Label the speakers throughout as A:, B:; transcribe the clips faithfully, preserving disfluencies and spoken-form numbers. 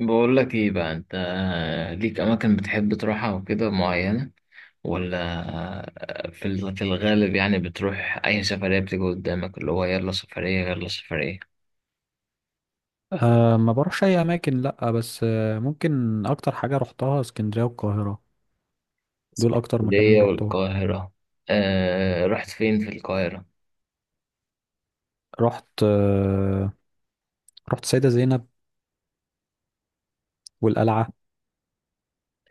A: بقول لك ايه بقى؟ انت ليك اماكن بتحب تروحها وكده معينة، ولا في ال- في الغالب يعني بتروح اي سفرية بتيجي قدامك اللي هو يلا سفرية يلا سفرية؟
B: أه ما بروحش اي اماكن، لا بس، آه، ممكن اكتر حاجه رحتها اسكندريه والقاهره. دول اكتر مكانين
A: اسكندرية
B: رحتهم.
A: والقاهرة. آه، رحت فين في القاهرة؟
B: رحت أه رحت سيده زينب والقلعه.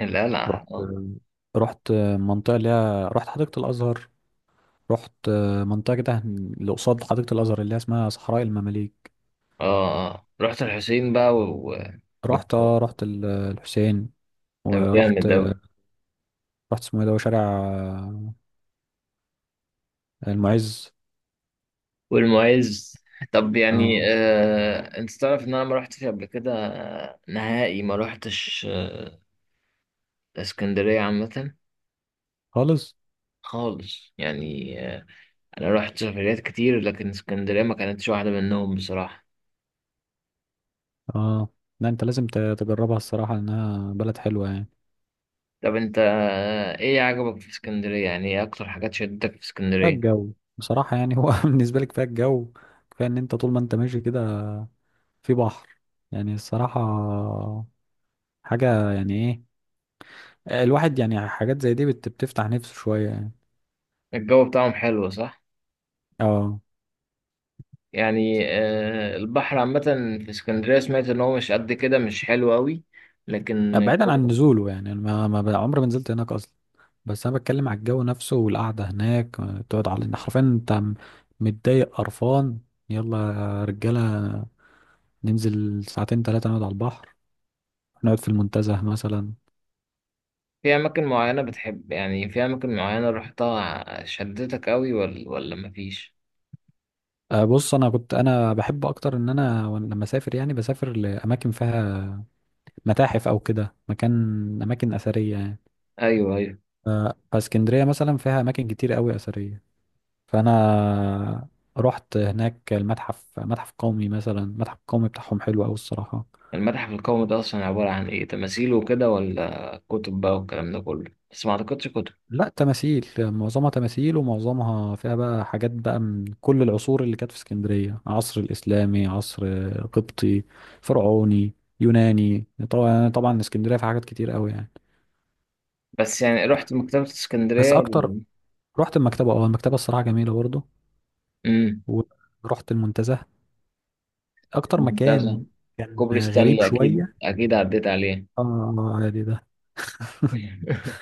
A: القلعة،
B: رحت
A: اه.
B: رحت آه، منطقه، اللي هي رحت حديقه الازهر. رحت آه، منطقه كده اللي قصاد حديقه الازهر اللي هي اسمها صحراء المماليك.
A: اه، آه. رحت الحسين بقى و...
B: رحت
A: و...
B: اه رحت ال- الحسين.
A: طب
B: ورحت،
A: جامد اوي،
B: رحت اسمه ايه ده؟ شارع آه، المعز.
A: والمعز. طب يعني،
B: اه،
A: آه انت تعرف ان انا ما رحتش قبل كده آه، نهائي ما رحتش آه، اسكندرية عامة
B: خالص،
A: خالص، يعني آه، انا رحت سفريات كتير لكن اسكندريه ما كانتش واحده منهم بصراحه.
B: اه. لا، انت لازم ت- تجربها الصراحه، لانها بلد حلوه يعني.
A: طب انت، آه، ايه عجبك في اسكندريه؟ يعني ايه اكتر حاجات شدتك في
B: كفايه
A: اسكندريه؟
B: الجو بصراحه، يعني هو بالنسبه لي كفايه الجو، كفايه ان انت طول ما انت ماشي كده في بحر يعني، الصراحه حاجه يعني. ايه، الواحد يعني حاجات زي دي بت- بتفتح نفسه شويه يعني.
A: الجو بتاعهم حلو صح؟
B: اه.
A: يعني آه، البحر عامه في اسكندريه سمعت ان هو مش قد كده، مش حلو قوي، لكن
B: بعيدا عن
A: الجو.
B: نزوله، يعني أنا ما ما ب- عمري ما نزلت هناك اصلا. بس انا بتكلم على الجو نفسه والقعده هناك، آه، تقعد على إن حرفيا انت م- متضايق قرفان، يلا يا رجاله ننزل ساعتين ثلاثه نقعد على البحر، نقعد في المنتزه مثلا.
A: في اماكن معينه بتحب، يعني في اماكن معينه رحتها شدتك قوي، ولا ولا مفيش؟
B: آه، بص، انا كنت انا بحب اكتر ان انا، وأنا لما اسافر يعني بسافر لاماكن فيها متاحف او كده مكان، اماكن اثريه يعني.
A: ايوه، ايوه.
B: ف- فاسكندريه مثلا فيها اماكن كتير قوي اثريه. فانا رحت هناك المتحف، متحف قومي مثلا، المتحف القومي بتاعهم حلو قوي الصراحه.
A: المتحف القومي ده أصلا عبارة عن إيه، تماثيل وكده ولا كتب بقى والكلام ده كله؟ بس ما أعتقدش كتب.
B: لا، تماثيل، معظمها تماثيل ومعظمها فيها بقى حاجات بقى من كل العصور اللي كانت في اسكندريه: عصر الاسلامي، عصر قبطي، فرعوني، يوناني. طبعا يعني، طبعا اسكندريه فيها حاجات كتير قوي يعني.
A: بس يعني رحت مكتبة
B: بس
A: اسكندرية
B: اكتر،
A: ال-
B: رحت المكتبه، اه المكتبه الصراحه جميله برضه.
A: أمم.
B: ورحت المنتزه. اكتر
A: ممتازة.
B: مكان كان
A: كوبري
B: غريب
A: ستانلي أكيد
B: شويه.
A: أكيد عديت عليه.
B: اه عادي ده.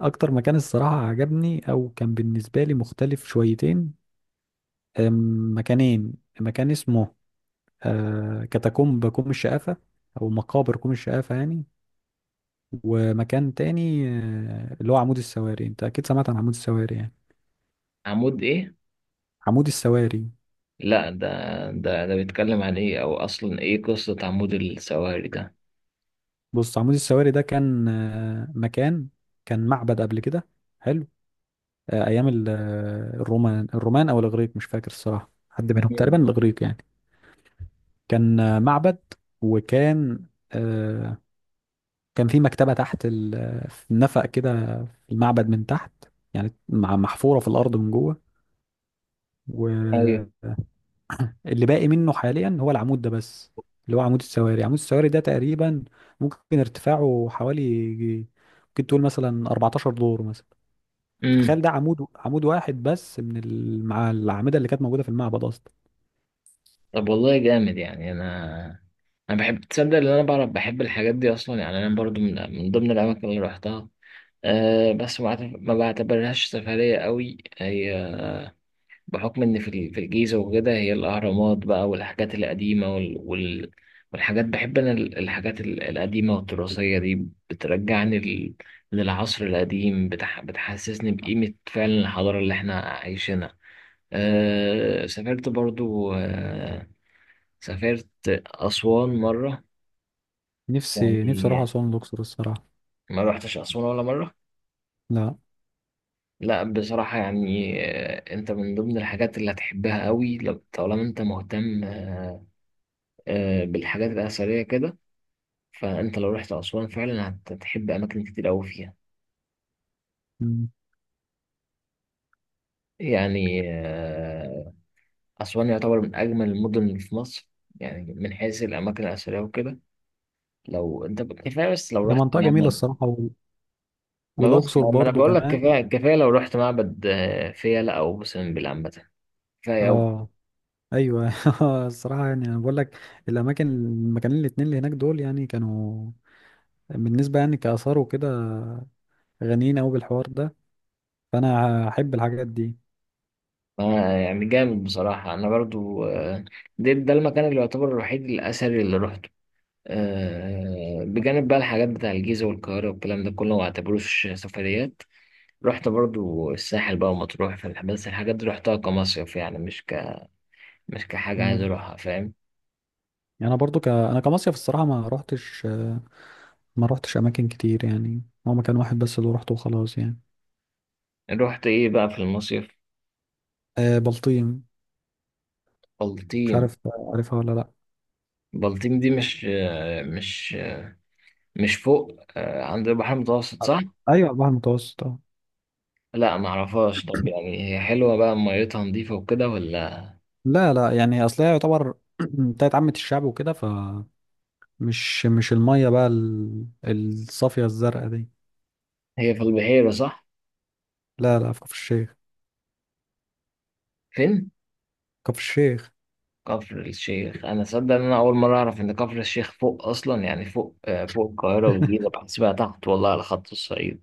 B: اكتر مكان الصراحه عجبني او كان بالنسبه لي مختلف شويتين، أم، مكانين. مكان اسمه آه، كاتاكومب كوم الشقافه، او مقابر كوم الشقافه يعني. ومكان تاني، آه، اللي هو عمود السواري. انت اكيد سمعت عن عمود السواري يعني.
A: عمود إيه؟
B: عمود السواري،
A: لا، ده ده ده بيتكلم عن إيه؟ أو أصلا إيه قصة عمود السواري ده؟
B: بص، عمود السواري ده كان آه، مكان، كان معبد قبل كده، حلو. آه، ايام ال- آه، الرومان، الرومان او الاغريق، مش فاكر الصراحه حد منهم، تقريبا
A: أمم.
B: الاغريق يعني. كان آه، معبد، وكان آه، كان في مكتبه تحت ال- آه، في نفق كده في المعبد من تحت، يعني مع- محفوره في الارض من جوه،
A: أيوه.
B: واللي باقي منه حاليا هو العمود ده بس، اللي هو عمود السواري. عمود السواري ده تقريبا ممكن ارتفاعه حوالي، ممكن تقول مثلا أربعتاشر دور مثلا.
A: أمم.
B: فتخيل ده عمود، عمود واحد بس من المع... الأعمدة اللي كانت موجودة في المعبد أصلا.
A: طب والله جامد يعني. أنا أنا بحب، تصدق إن أنا بعرف بحب الحاجات دي أصلا، يعني أنا برضو من من ضمن الأماكن اللي رحتها. أه، بس ما أعتبر- ما بعتبرهاش سفرية قوي هي، بحكم إن في ال- في الجيزة وكده، هي الأهرامات بقى والحاجات القديمة وال وال والحاجات. بحب أنا ال- الحاجات ال- القديمة والتراثية دي بترجعني لل- للعصر القديم، بتح بتحسسني بقيمة فعلا الحضارة اللي إحنا عايشينها. أه، سافرت برضو. أه سافرت أسوان مرة،
B: نفسي نفسي أروح
A: يعني
B: أسوان الأقصر الصراحة.
A: ما روحتش أسوان ولا مرة
B: لا.
A: لا بصراحة. يعني آه، انت من ضمن الحاجات اللي هتحبها قوي، لو طالما انت مهتم آه، آه، بالحاجات الأثرية كده. فانت لو رحت أسوان فعلا هت- هتحب أماكن كتير قوي فيها.
B: مم.
A: يعني آه، أسوان يعتبر من أجمل المدن اللي في مصر، يعني من حيث الأماكن الأثرية وكده. لو انت ب- كفاية، بس لو
B: هي
A: رحت
B: منطقة جميلة
A: معبد.
B: الصراحة، وال...
A: ما بس
B: والأقصر
A: ما ما انا
B: برضو
A: بقول لك كفاية
B: كمان.
A: كفاية، لو رحت معبد آه، فيلة أو مثلا بالعنبة، كفاية.
B: اه، أيوة. الصراحة يعني أنا بقول لك، الأماكن، المكانين الاتنين اللي هناك دول يعني كانوا بالنسبة يعني كآثار وكده غنيين أوي بالحوار ده، فأنا هحب الحاجات دي.
A: آه، يعني جامد بصراحة. أنا برضو، آه، ده, ده المكان اللي يعتبر الوحيد الأثري اللي روحته، آه، بجانب بقى الحاجات بتاع الجيزة والقاهرة والكلام ده كله، ما اعتبروش سفريات. رحت برضو الساحل بقى ومطروح، في بس الحاجات دي رحتها كمصيف، يعني مش ك مش كحاجة عايز
B: مم.
A: أروحها، فاهم؟
B: يعني أنا برضو ك... أنا كمصيف الصراحة ما روحتش، ما روحتش أماكن كتير، يعني هو مكان واحد بس اللي روحته وخلاص يعني.
A: رحت إيه بقى في المصيف؟
B: آه، بلطيم. مش
A: بلطيم.
B: عارف، عارفها ولا لا.
A: بلطيم دي مش آه، مش مش فوق آه، عند البحر المتوسط صح؟
B: ايوه، البحر المتوسط، اه.
A: لا، معرفهاش. طب يعني هي حلوة بقى، ميتها نظيفة وكده ولا؟
B: لا لا، يعني اصل هي يعتبر بتاعت عامة الشعب وكده، فمش مش المية بقى، ال- الصافية الزرقاء دي.
A: هي في البحيرة صح؟
B: لا لا، في كفر الشيخ.
A: فين؟
B: كفر الشيخ.
A: كفر الشيخ، أنا صدق إن أنا أول مرة أعرف إن كفر الشيخ فوق أصلا. يعني فوق آه، فوق القاهرة والجيزة، بحسبها تحت والله على خط الصعيد.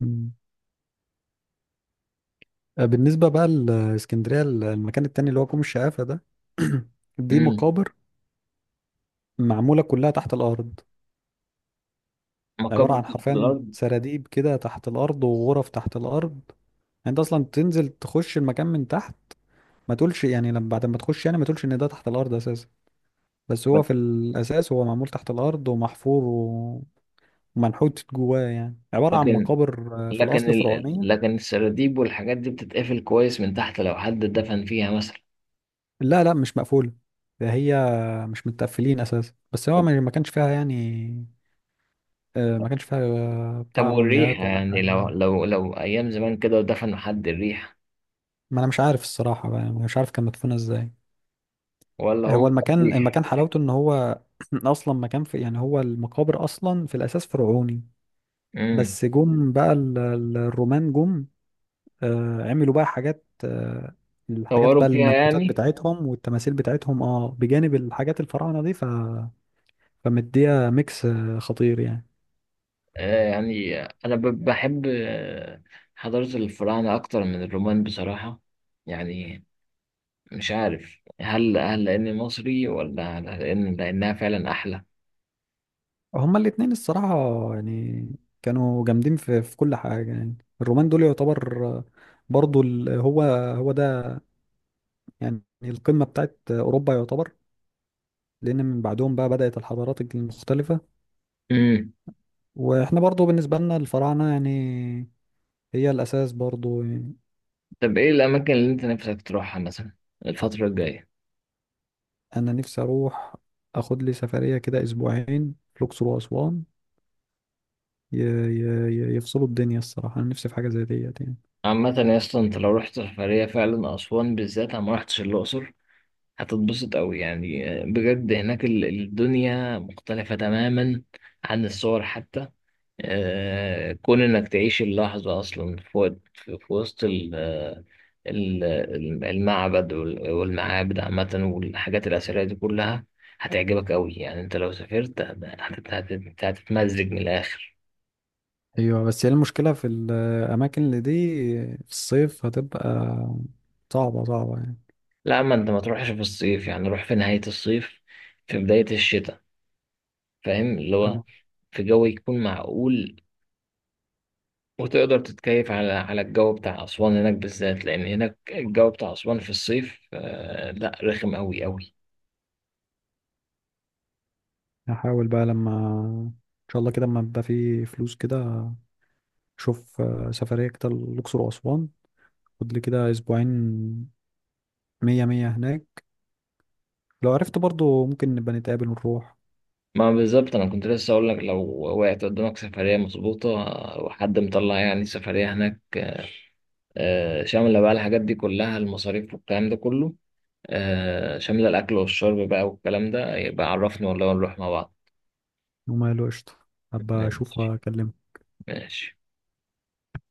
B: مم. آه، بالنسبة بقى لاسكندرية، ال- المكان التاني اللي هو كوم الشقافة ده، دي
A: امم
B: مقابر معمولة كلها تحت الأرض. عبارة
A: مقابر
B: عن
A: تحت
B: حرفيا
A: الأرض؟
B: سراديب كده تحت الأرض، وغرف تحت الأرض. يعني أنت أصلا تنزل تخش المكان من تحت، ما تقولش يعني، لما بعد ما تخش يعني ما تقولش ان ده تحت الارض اساسا. بس هو في
A: بس
B: الاساس هو معمول تحت الارض، ومحفور و- ومنحوت جواه، يعني عباره عن
A: لكن
B: مقابر، آه، في
A: لكن
B: الاصل
A: ال...
B: فرعونيه.
A: لكن السراديب والحاجات دي بتتقفل كويس من تحت لو حد دفن فيها مثلا؟
B: لا لا مش مقفوله. ده هي مش متقفلين اساسا. بس هو
A: طب
B: ما ما كانش فيها يعني، آه، ما كانش فيها آه،
A: طب
B: بتاع
A: والريحة
B: مومياوات ولا
A: يعني،
B: حاجه.
A: لو لو لو أيام زمان كده ودفنوا حد، الريحة؟
B: ما انا مش عارف الصراحه بقى، يعني مش عارف كان مدفونه ازاي.
A: ولا
B: هو
A: هم كانوا
B: المكان،
A: بيح
B: المكان حلاوته ان هو اصلا مكان في، يعني هو المقابر اصلا في الاساس فرعوني.
A: امم
B: بس جم بقى ال- ال- الرومان، جم آه، عملوا بقى حاجات، آه، الحاجات بقى،
A: طوروا فيها
B: المنحوتات
A: يعني.
B: بتاعتهم والتماثيل بتاعتهم اه، بجانب الحاجات الفراعنة دي. ف... فمديها ميكس آه، خطير يعني.
A: آه، يعني أنا ب- بحب آه، حضارة الفراعنة أكتر من الرومان بصراحة. يعني مش عارف، هل هل لأني مصري، ولا هل لأن لأنها فعلا أحلى؟
B: هما الاتنين الصراحة يعني كانوا جامدين في, في كل حاجة يعني. الرومان دول يعتبر آه، برضو، ال... هو هو ده يعني القمة بتاعت أوروبا يعتبر، لأن من بعدهم بقى بدأت الحضارات المختلفة.
A: مم.
B: وإحنا برضو بالنسبة لنا الفراعنة يعني هي الأساس برضو يعني.
A: طب إيه الأماكن اللي أنت نفسك تروحها مثلا الفترة الجاية؟
B: انا نفسي اروح اخد لي سفريه كده اسبوعين، الاقصر واسوان ي- ي- ي- يفصلوا الدنيا الصراحه. انا نفسي في حاجه زي ديت يعني.
A: عامة يا اسطى، أنت لو رحت سفرية فعلا أسوان بالذات، أنا ما رحتش الأقصر، هتتبسط أوي يعني آه، بجد. هناك ال- الدنيا مختلفة تماما عن الصور حتى. آه، كون انك تعيش اللحظة اصلا في وقت- في في وسط ال- آه، ال- ال- المعبد وال- والمعابد عامة والحاجات الأثرية دي كلها هتعجبك أوي. يعني أنت لو سافرت هت- هت- هت- هتتمزج من الآخر.
B: ايوه، بس هي المشكله في الاماكن اللي دي في الصيف هتبقى صعبه، صعبه يعني.
A: لا، ما أنت ما تروحش في الصيف، يعني روح في نهاية الصيف، في بداية الشتاء. فاهم اللي هو،
B: أيوة.
A: في جو يكون معقول، وتقدر تتكيف على على الجو بتاع أسوان هناك بالذات، لأن هناك الجو بتاع أسوان في الصيف آه، لا رخم أوي أوي.
B: هحاول بقى لما ان شاء الله كده لما يبقى في فلوس كده، اشوف آه، سفريه كده الاقصر واسوان. خد لي كده اسبوعين، مية مية هناك. لو عرفت برضو ممكن نبقى نتقابل ونروح.
A: ما بالظبط، انا كنت لسه اقول لك لو وقعت قدامك سفريه مظبوطه، وحد مطلع يعني سفريه هناك، آه، شامله بقى الحاجات دي كلها، المصاريف والكلام ده كله، آه، شامله الاكل والشرب بقى والكلام ده، يبقى عرفني والله ونروح مع بعض.
B: وما له، قشطه. هبقى اشوف
A: ماشي،
B: واكلمك.
A: ماشي.